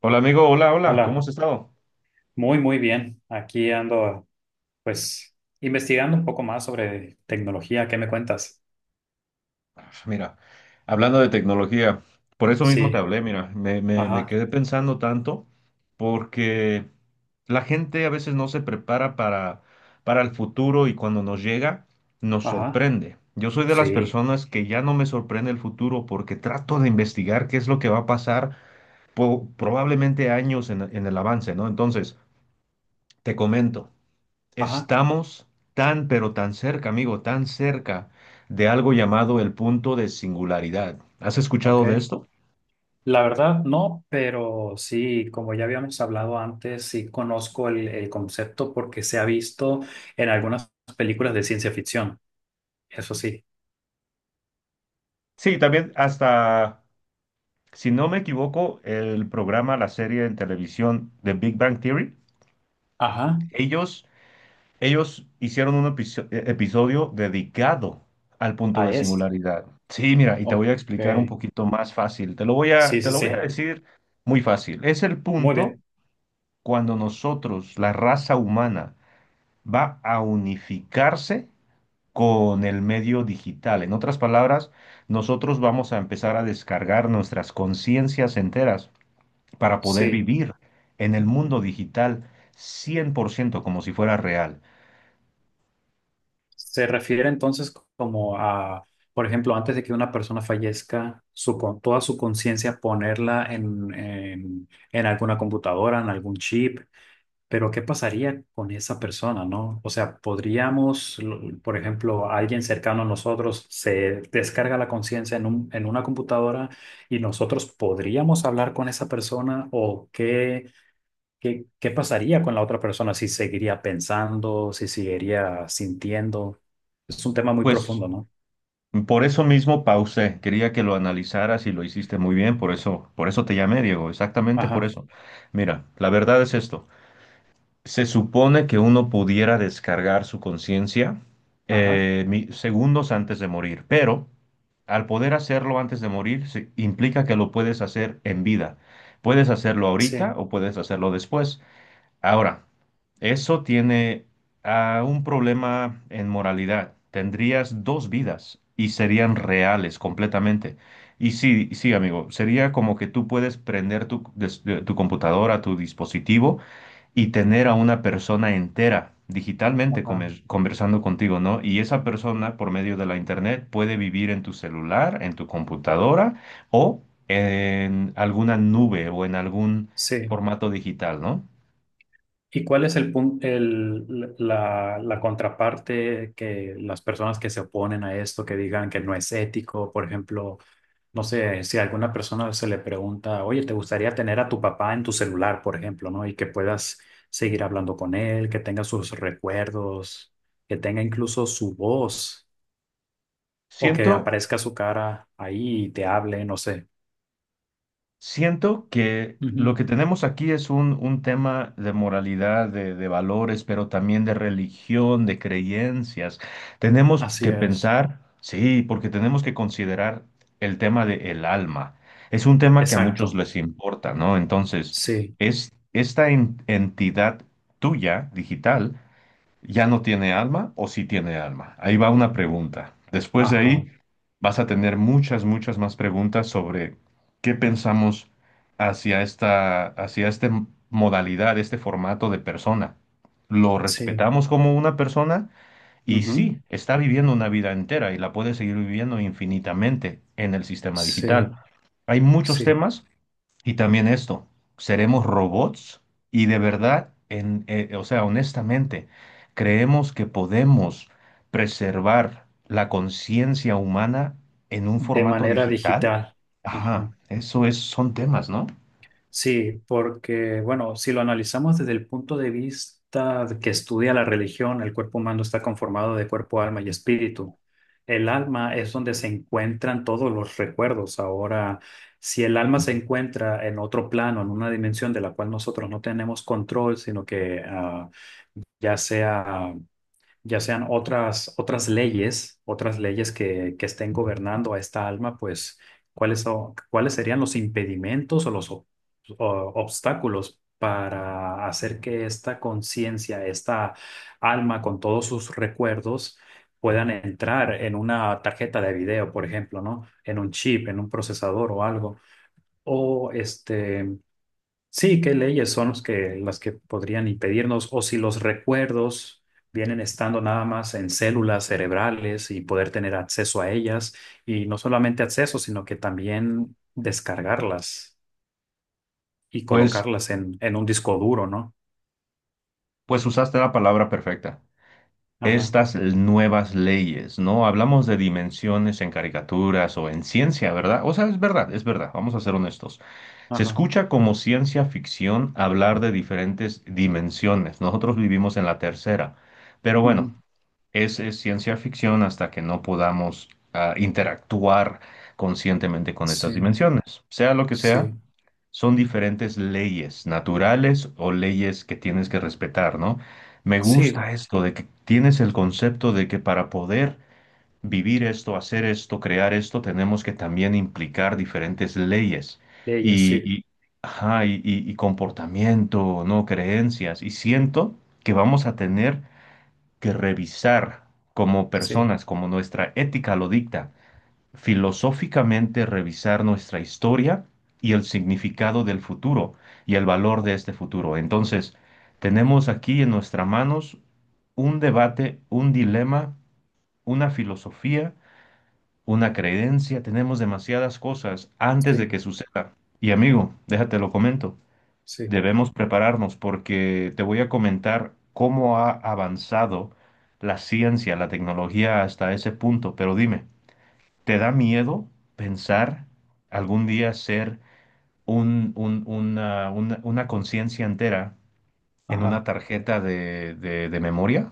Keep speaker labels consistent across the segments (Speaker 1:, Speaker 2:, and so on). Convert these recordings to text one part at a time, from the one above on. Speaker 1: Hola amigo, hola, hola, ¿cómo has
Speaker 2: Hola,
Speaker 1: estado?
Speaker 2: muy, muy bien. Aquí ando, pues, investigando un poco más sobre tecnología. ¿Qué me cuentas?
Speaker 1: Ah, mira, hablando de tecnología, por eso mismo te
Speaker 2: Sí,
Speaker 1: hablé, mira, me
Speaker 2: ajá,
Speaker 1: quedé pensando tanto porque la gente a veces no se prepara para el futuro y cuando nos llega nos
Speaker 2: ajá,
Speaker 1: sorprende. Yo soy de las
Speaker 2: sí,
Speaker 1: personas que ya no me sorprende el futuro porque trato de investigar qué es lo que va a pasar probablemente años en el avance, ¿no? Entonces, te comento.
Speaker 2: ajá,
Speaker 1: Estamos tan, pero tan cerca, amigo, tan cerca de algo llamado el punto de singularidad. ¿Has
Speaker 2: ok.
Speaker 1: escuchado de esto?
Speaker 2: La verdad, no, pero sí, como ya habíamos hablado antes, sí conozco el concepto porque se ha visto en algunas películas de ciencia ficción. Eso sí,
Speaker 1: Sí, también hasta, si no me equivoco, el programa, la serie en televisión de Big Bang Theory,
Speaker 2: ajá,
Speaker 1: ellos, ellos hicieron un episodio dedicado al punto
Speaker 2: ah,
Speaker 1: de
Speaker 2: es.
Speaker 1: singularidad. Sí, mira, y te
Speaker 2: Ok,
Speaker 1: voy a explicar un poquito más fácil.
Speaker 2: sí,
Speaker 1: Te
Speaker 2: sí,
Speaker 1: lo voy a
Speaker 2: sí,
Speaker 1: decir muy fácil. Es el
Speaker 2: muy
Speaker 1: punto
Speaker 2: bien,
Speaker 1: cuando nosotros, la raza humana, va a unificarse con el medio digital. En otras palabras, nosotros vamos a empezar a descargar nuestras conciencias enteras para poder
Speaker 2: sí.
Speaker 1: vivir en el mundo digital 100% como si fuera real.
Speaker 2: Se refiere entonces como a, por ejemplo, antes de que una persona fallezca, toda su conciencia ponerla en alguna computadora, en algún chip, pero ¿qué pasaría con esa persona, no? O sea, podríamos, por ejemplo, alguien cercano a nosotros se descarga la conciencia en un, en una computadora y nosotros podríamos hablar con esa persona o qué. ¿Qué pasaría con la otra persona si seguiría pensando, si seguiría sintiendo? Es un tema muy
Speaker 1: Pues
Speaker 2: profundo, ¿no?
Speaker 1: por eso mismo pausé, quería que lo analizaras y lo hiciste muy bien, por eso te llamé, Diego, exactamente por
Speaker 2: Ajá,
Speaker 1: eso. Mira, la verdad es esto. Se supone que uno pudiera descargar su conciencia
Speaker 2: ajá,
Speaker 1: segundos antes de morir, pero al poder hacerlo antes de morir, implica que lo puedes hacer en vida. Puedes hacerlo ahorita
Speaker 2: sí,
Speaker 1: o puedes hacerlo después. Ahora, eso tiene un problema en moralidad. Tendrías dos vidas y serían reales completamente. Y sí, sí, amigo, sería como que tú puedes prender tu computadora, tu dispositivo y tener a una persona entera digitalmente
Speaker 2: ajá,
Speaker 1: conversando contigo, ¿no? Y esa persona por medio de la internet puede vivir en tu celular, en tu computadora o en alguna nube o en algún
Speaker 2: sí.
Speaker 1: formato digital, ¿no?
Speaker 2: ¿Y cuál es el punto, la contraparte que las personas que se oponen a esto, que digan que no es ético, por ejemplo? No sé, si a alguna persona se le pregunta, oye, ¿te gustaría tener a tu papá en tu celular, por ejemplo, no? Y que puedas seguir hablando con él, que tenga sus recuerdos, que tenga incluso su voz, o que
Speaker 1: Siento
Speaker 2: aparezca su cara ahí y te hable, no sé.
Speaker 1: Siento que lo
Speaker 2: Ujú.
Speaker 1: que tenemos aquí es un tema de moralidad, de valores, pero también de religión, de creencias. Tenemos
Speaker 2: Así
Speaker 1: que
Speaker 2: es.
Speaker 1: pensar, sí, porque tenemos que considerar el tema del alma. Es un tema que a muchos
Speaker 2: Exacto.
Speaker 1: les importa, ¿no? Entonces,
Speaker 2: Sí.
Speaker 1: es esta entidad tuya, digital, ¿ya no tiene alma o sí tiene alma? Ahí va una pregunta. Después de
Speaker 2: Ajá.
Speaker 1: ahí vas a tener muchas, muchas más preguntas sobre qué pensamos hacia esta modalidad, este formato de persona. ¿Lo
Speaker 2: Sí.
Speaker 1: respetamos como una persona? Y
Speaker 2: Ujú.
Speaker 1: sí, está viviendo una vida entera y la puede seguir viviendo infinitamente en el sistema
Speaker 2: Sí.
Speaker 1: digital. Hay muchos
Speaker 2: Sí.
Speaker 1: temas y también esto, ¿seremos robots? Y de verdad, o sea, honestamente, ¿creemos que podemos preservar la conciencia humana en un
Speaker 2: De
Speaker 1: formato
Speaker 2: manera
Speaker 1: digital?
Speaker 2: digital.
Speaker 1: Ajá,
Speaker 2: Ajá.
Speaker 1: eso es, son temas, ¿no?
Speaker 2: Sí, porque, bueno, si lo analizamos desde el punto de vista de que estudia la religión, el cuerpo humano está conformado de cuerpo, alma y espíritu. El alma es donde se encuentran todos los recuerdos. Ahora, si el alma se encuentra en otro plano, en una dimensión de la cual nosotros no tenemos control, sino que ya sea ya sean otras leyes que estén gobernando a esta alma, pues, cuáles serían los impedimentos o los obstáculos para hacer que esta conciencia, esta alma con todos sus recuerdos puedan entrar en una tarjeta de video, por ejemplo, ¿no? En un chip, en un procesador o algo. O este, Sí, ¿qué leyes son los que, las que podrían impedirnos o si los recuerdos vienen estando nada más en células cerebrales y poder tener acceso a ellas y no solamente acceso, sino que también descargarlas y
Speaker 1: Pues,
Speaker 2: colocarlas en, un disco duro, ¿no?
Speaker 1: pues usaste la palabra perfecta.
Speaker 2: Ajá,
Speaker 1: Estas nuevas leyes, ¿no? Hablamos de dimensiones en caricaturas o en ciencia, ¿verdad? O sea, es verdad, vamos a ser honestos. Se
Speaker 2: ajá.
Speaker 1: escucha como ciencia ficción hablar de diferentes dimensiones. Nosotros vivimos en la tercera, pero bueno,
Speaker 2: Ujú.
Speaker 1: es ciencia ficción hasta que no podamos interactuar conscientemente con estas
Speaker 2: Sí,
Speaker 1: dimensiones. Sea lo que sea,
Speaker 2: sí,
Speaker 1: son diferentes leyes naturales o leyes que tienes que respetar, ¿no? Me
Speaker 2: sí,
Speaker 1: gusta esto de que tienes el concepto de que para poder vivir esto, hacer esto, crear esto, tenemos que también implicar diferentes leyes
Speaker 2: leyes,
Speaker 1: y,
Speaker 2: sí,
Speaker 1: y, ajá, y comportamiento, ¿no? Creencias. Y siento que vamos a tener que revisar como
Speaker 2: sí,
Speaker 1: personas, como nuestra ética lo dicta, filosóficamente revisar nuestra historia y el significado del futuro y el valor de este futuro. Entonces, tenemos aquí en nuestras manos un debate, un dilema, una filosofía una creencia, tenemos demasiadas cosas antes de
Speaker 2: sí,
Speaker 1: que suceda. Y amigo, déjate lo comento,
Speaker 2: sí,
Speaker 1: debemos prepararnos porque te voy a comentar cómo ha avanzado la ciencia, la tecnología hasta ese punto. Pero dime, ¿te da miedo pensar algún día ser una conciencia entera en una
Speaker 2: ajá.
Speaker 1: tarjeta de memoria?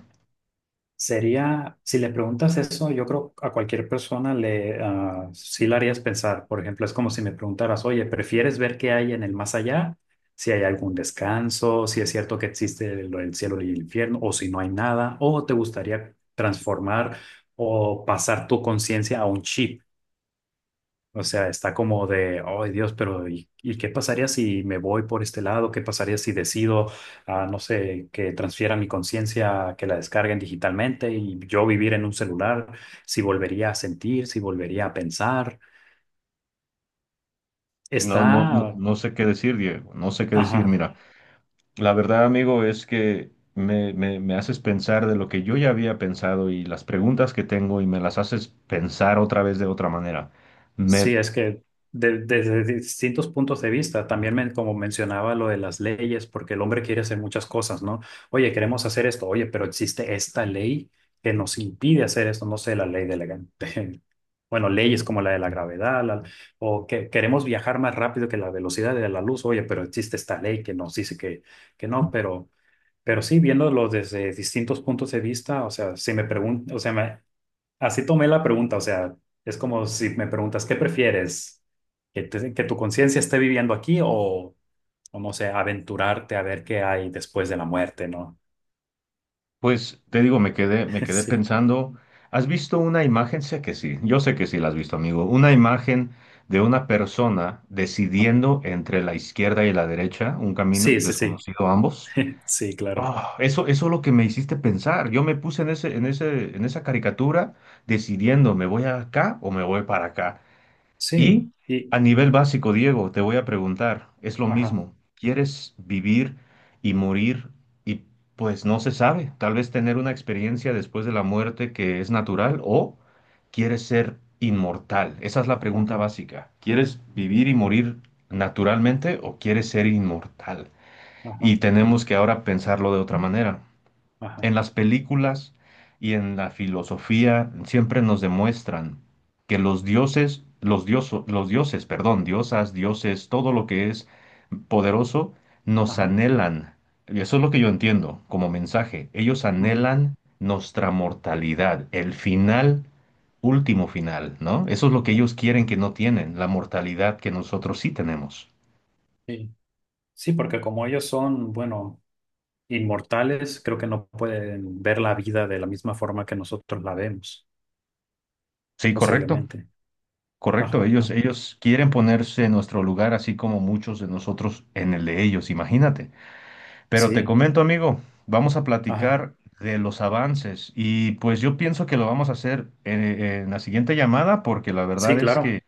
Speaker 2: Sería, si le preguntas eso, yo creo a cualquier persona sí la harías pensar. Por ejemplo, es como si me preguntaras, oye, ¿prefieres ver qué hay en el más allá? Si hay algún descanso, si es cierto que existe lo del cielo y el infierno, o si no hay nada, o te gustaría transformar o pasar tu conciencia a un chip. O sea, está como de, ay Dios, pero ¿y qué pasaría si me voy por este lado? ¿Qué pasaría si decido, no sé, que transfiera mi conciencia, que la descarguen digitalmente y yo vivir en un celular? Si volvería a sentir, si volvería a pensar.
Speaker 1: No, no, no,
Speaker 2: Está,
Speaker 1: no sé qué decir, Diego, no sé qué decir,
Speaker 2: ajá.
Speaker 1: mira. La verdad, amigo, es que me haces pensar de lo que yo ya había pensado y las preguntas que tengo y me las haces pensar otra vez de otra manera. Me,
Speaker 2: Sí, es que desde distintos puntos de vista, también como mencionaba lo de las leyes, porque el hombre quiere hacer muchas cosas, ¿no? Oye, queremos hacer esto, oye, pero existe esta ley que nos impide hacer esto, no sé, la ley de bueno, leyes como la de la gravedad, o que queremos viajar más rápido que la velocidad de la luz, oye, pero existe esta ley que nos dice que no, pero sí, viéndolo desde distintos puntos de vista, o sea, si me preguntan, o sea, así tomé la pregunta, o sea, es como si me preguntas, ¿qué prefieres? ¿Que tu conciencia esté viviendo aquí o no sé, aventurarte a ver qué hay después de la muerte, ¿no?
Speaker 1: pues te digo, me quedé pensando. ¿Has visto una imagen? Sé que sí, yo sé que sí la has visto, amigo. Una imagen de una persona decidiendo entre la izquierda y la derecha, un camino
Speaker 2: Sí, sí, sí,
Speaker 1: desconocido a ambos.
Speaker 2: sí, sí, claro.
Speaker 1: Ah, eso es lo que me hiciste pensar. Yo me puse en en esa caricatura decidiendo, ¿me voy acá o me voy para acá?
Speaker 2: Sí,
Speaker 1: Y
Speaker 2: y,
Speaker 1: a nivel básico, Diego, te voy a preguntar, es lo
Speaker 2: ajá,
Speaker 1: mismo. ¿Quieres vivir y morir? Y pues no se sabe, tal vez tener una experiencia después de la muerte que es natural o quieres ser inmortal. Esa es la pregunta
Speaker 2: ajá,
Speaker 1: básica. ¿Quieres vivir y
Speaker 2: sí,
Speaker 1: morir naturalmente o quieres ser inmortal? Y
Speaker 2: ajá,
Speaker 1: tenemos que ahora pensarlo de otra manera
Speaker 2: ajá,
Speaker 1: en las películas y en la filosofía siempre nos demuestran que los dioses, perdón, diosas, dioses, todo lo que es poderoso, nos
Speaker 2: ajá.
Speaker 1: anhelan. Y eso es lo que yo entiendo como mensaje. Ellos
Speaker 2: Ujú,
Speaker 1: anhelan nuestra mortalidad, el final, último final, ¿no? Eso es lo que ellos quieren que no tienen, la mortalidad que nosotros sí tenemos.
Speaker 2: sí. Sí, porque como ellos son, bueno, inmortales, creo que no pueden ver la vida de la misma forma que nosotros la vemos,
Speaker 1: Sí, correcto.
Speaker 2: posiblemente.
Speaker 1: Correcto,
Speaker 2: Ajá,
Speaker 1: ellos quieren ponerse en nuestro lugar, así como muchos de nosotros en el de ellos, imagínate. Pero te
Speaker 2: sí.
Speaker 1: comento, amigo, vamos a
Speaker 2: Ajá.
Speaker 1: platicar de los avances y pues yo pienso que lo vamos a hacer en la siguiente llamada porque la
Speaker 2: Sí,
Speaker 1: verdad es que
Speaker 2: claro,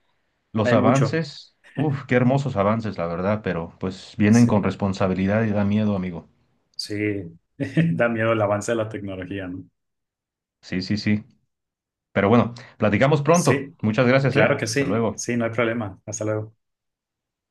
Speaker 1: los
Speaker 2: hay mucho.
Speaker 1: avances, uff, qué hermosos avances, la verdad, pero pues vienen con
Speaker 2: Sí,
Speaker 1: responsabilidad y da miedo, amigo.
Speaker 2: sí, da miedo el avance de la tecnología, ¿no?
Speaker 1: Sí, sí, sí. Pero bueno, platicamos pronto.
Speaker 2: Sí,
Speaker 1: Muchas gracias, ¿eh?
Speaker 2: claro que
Speaker 1: Hasta
Speaker 2: sí,
Speaker 1: luego.
Speaker 2: sí, no hay problema. Hasta luego.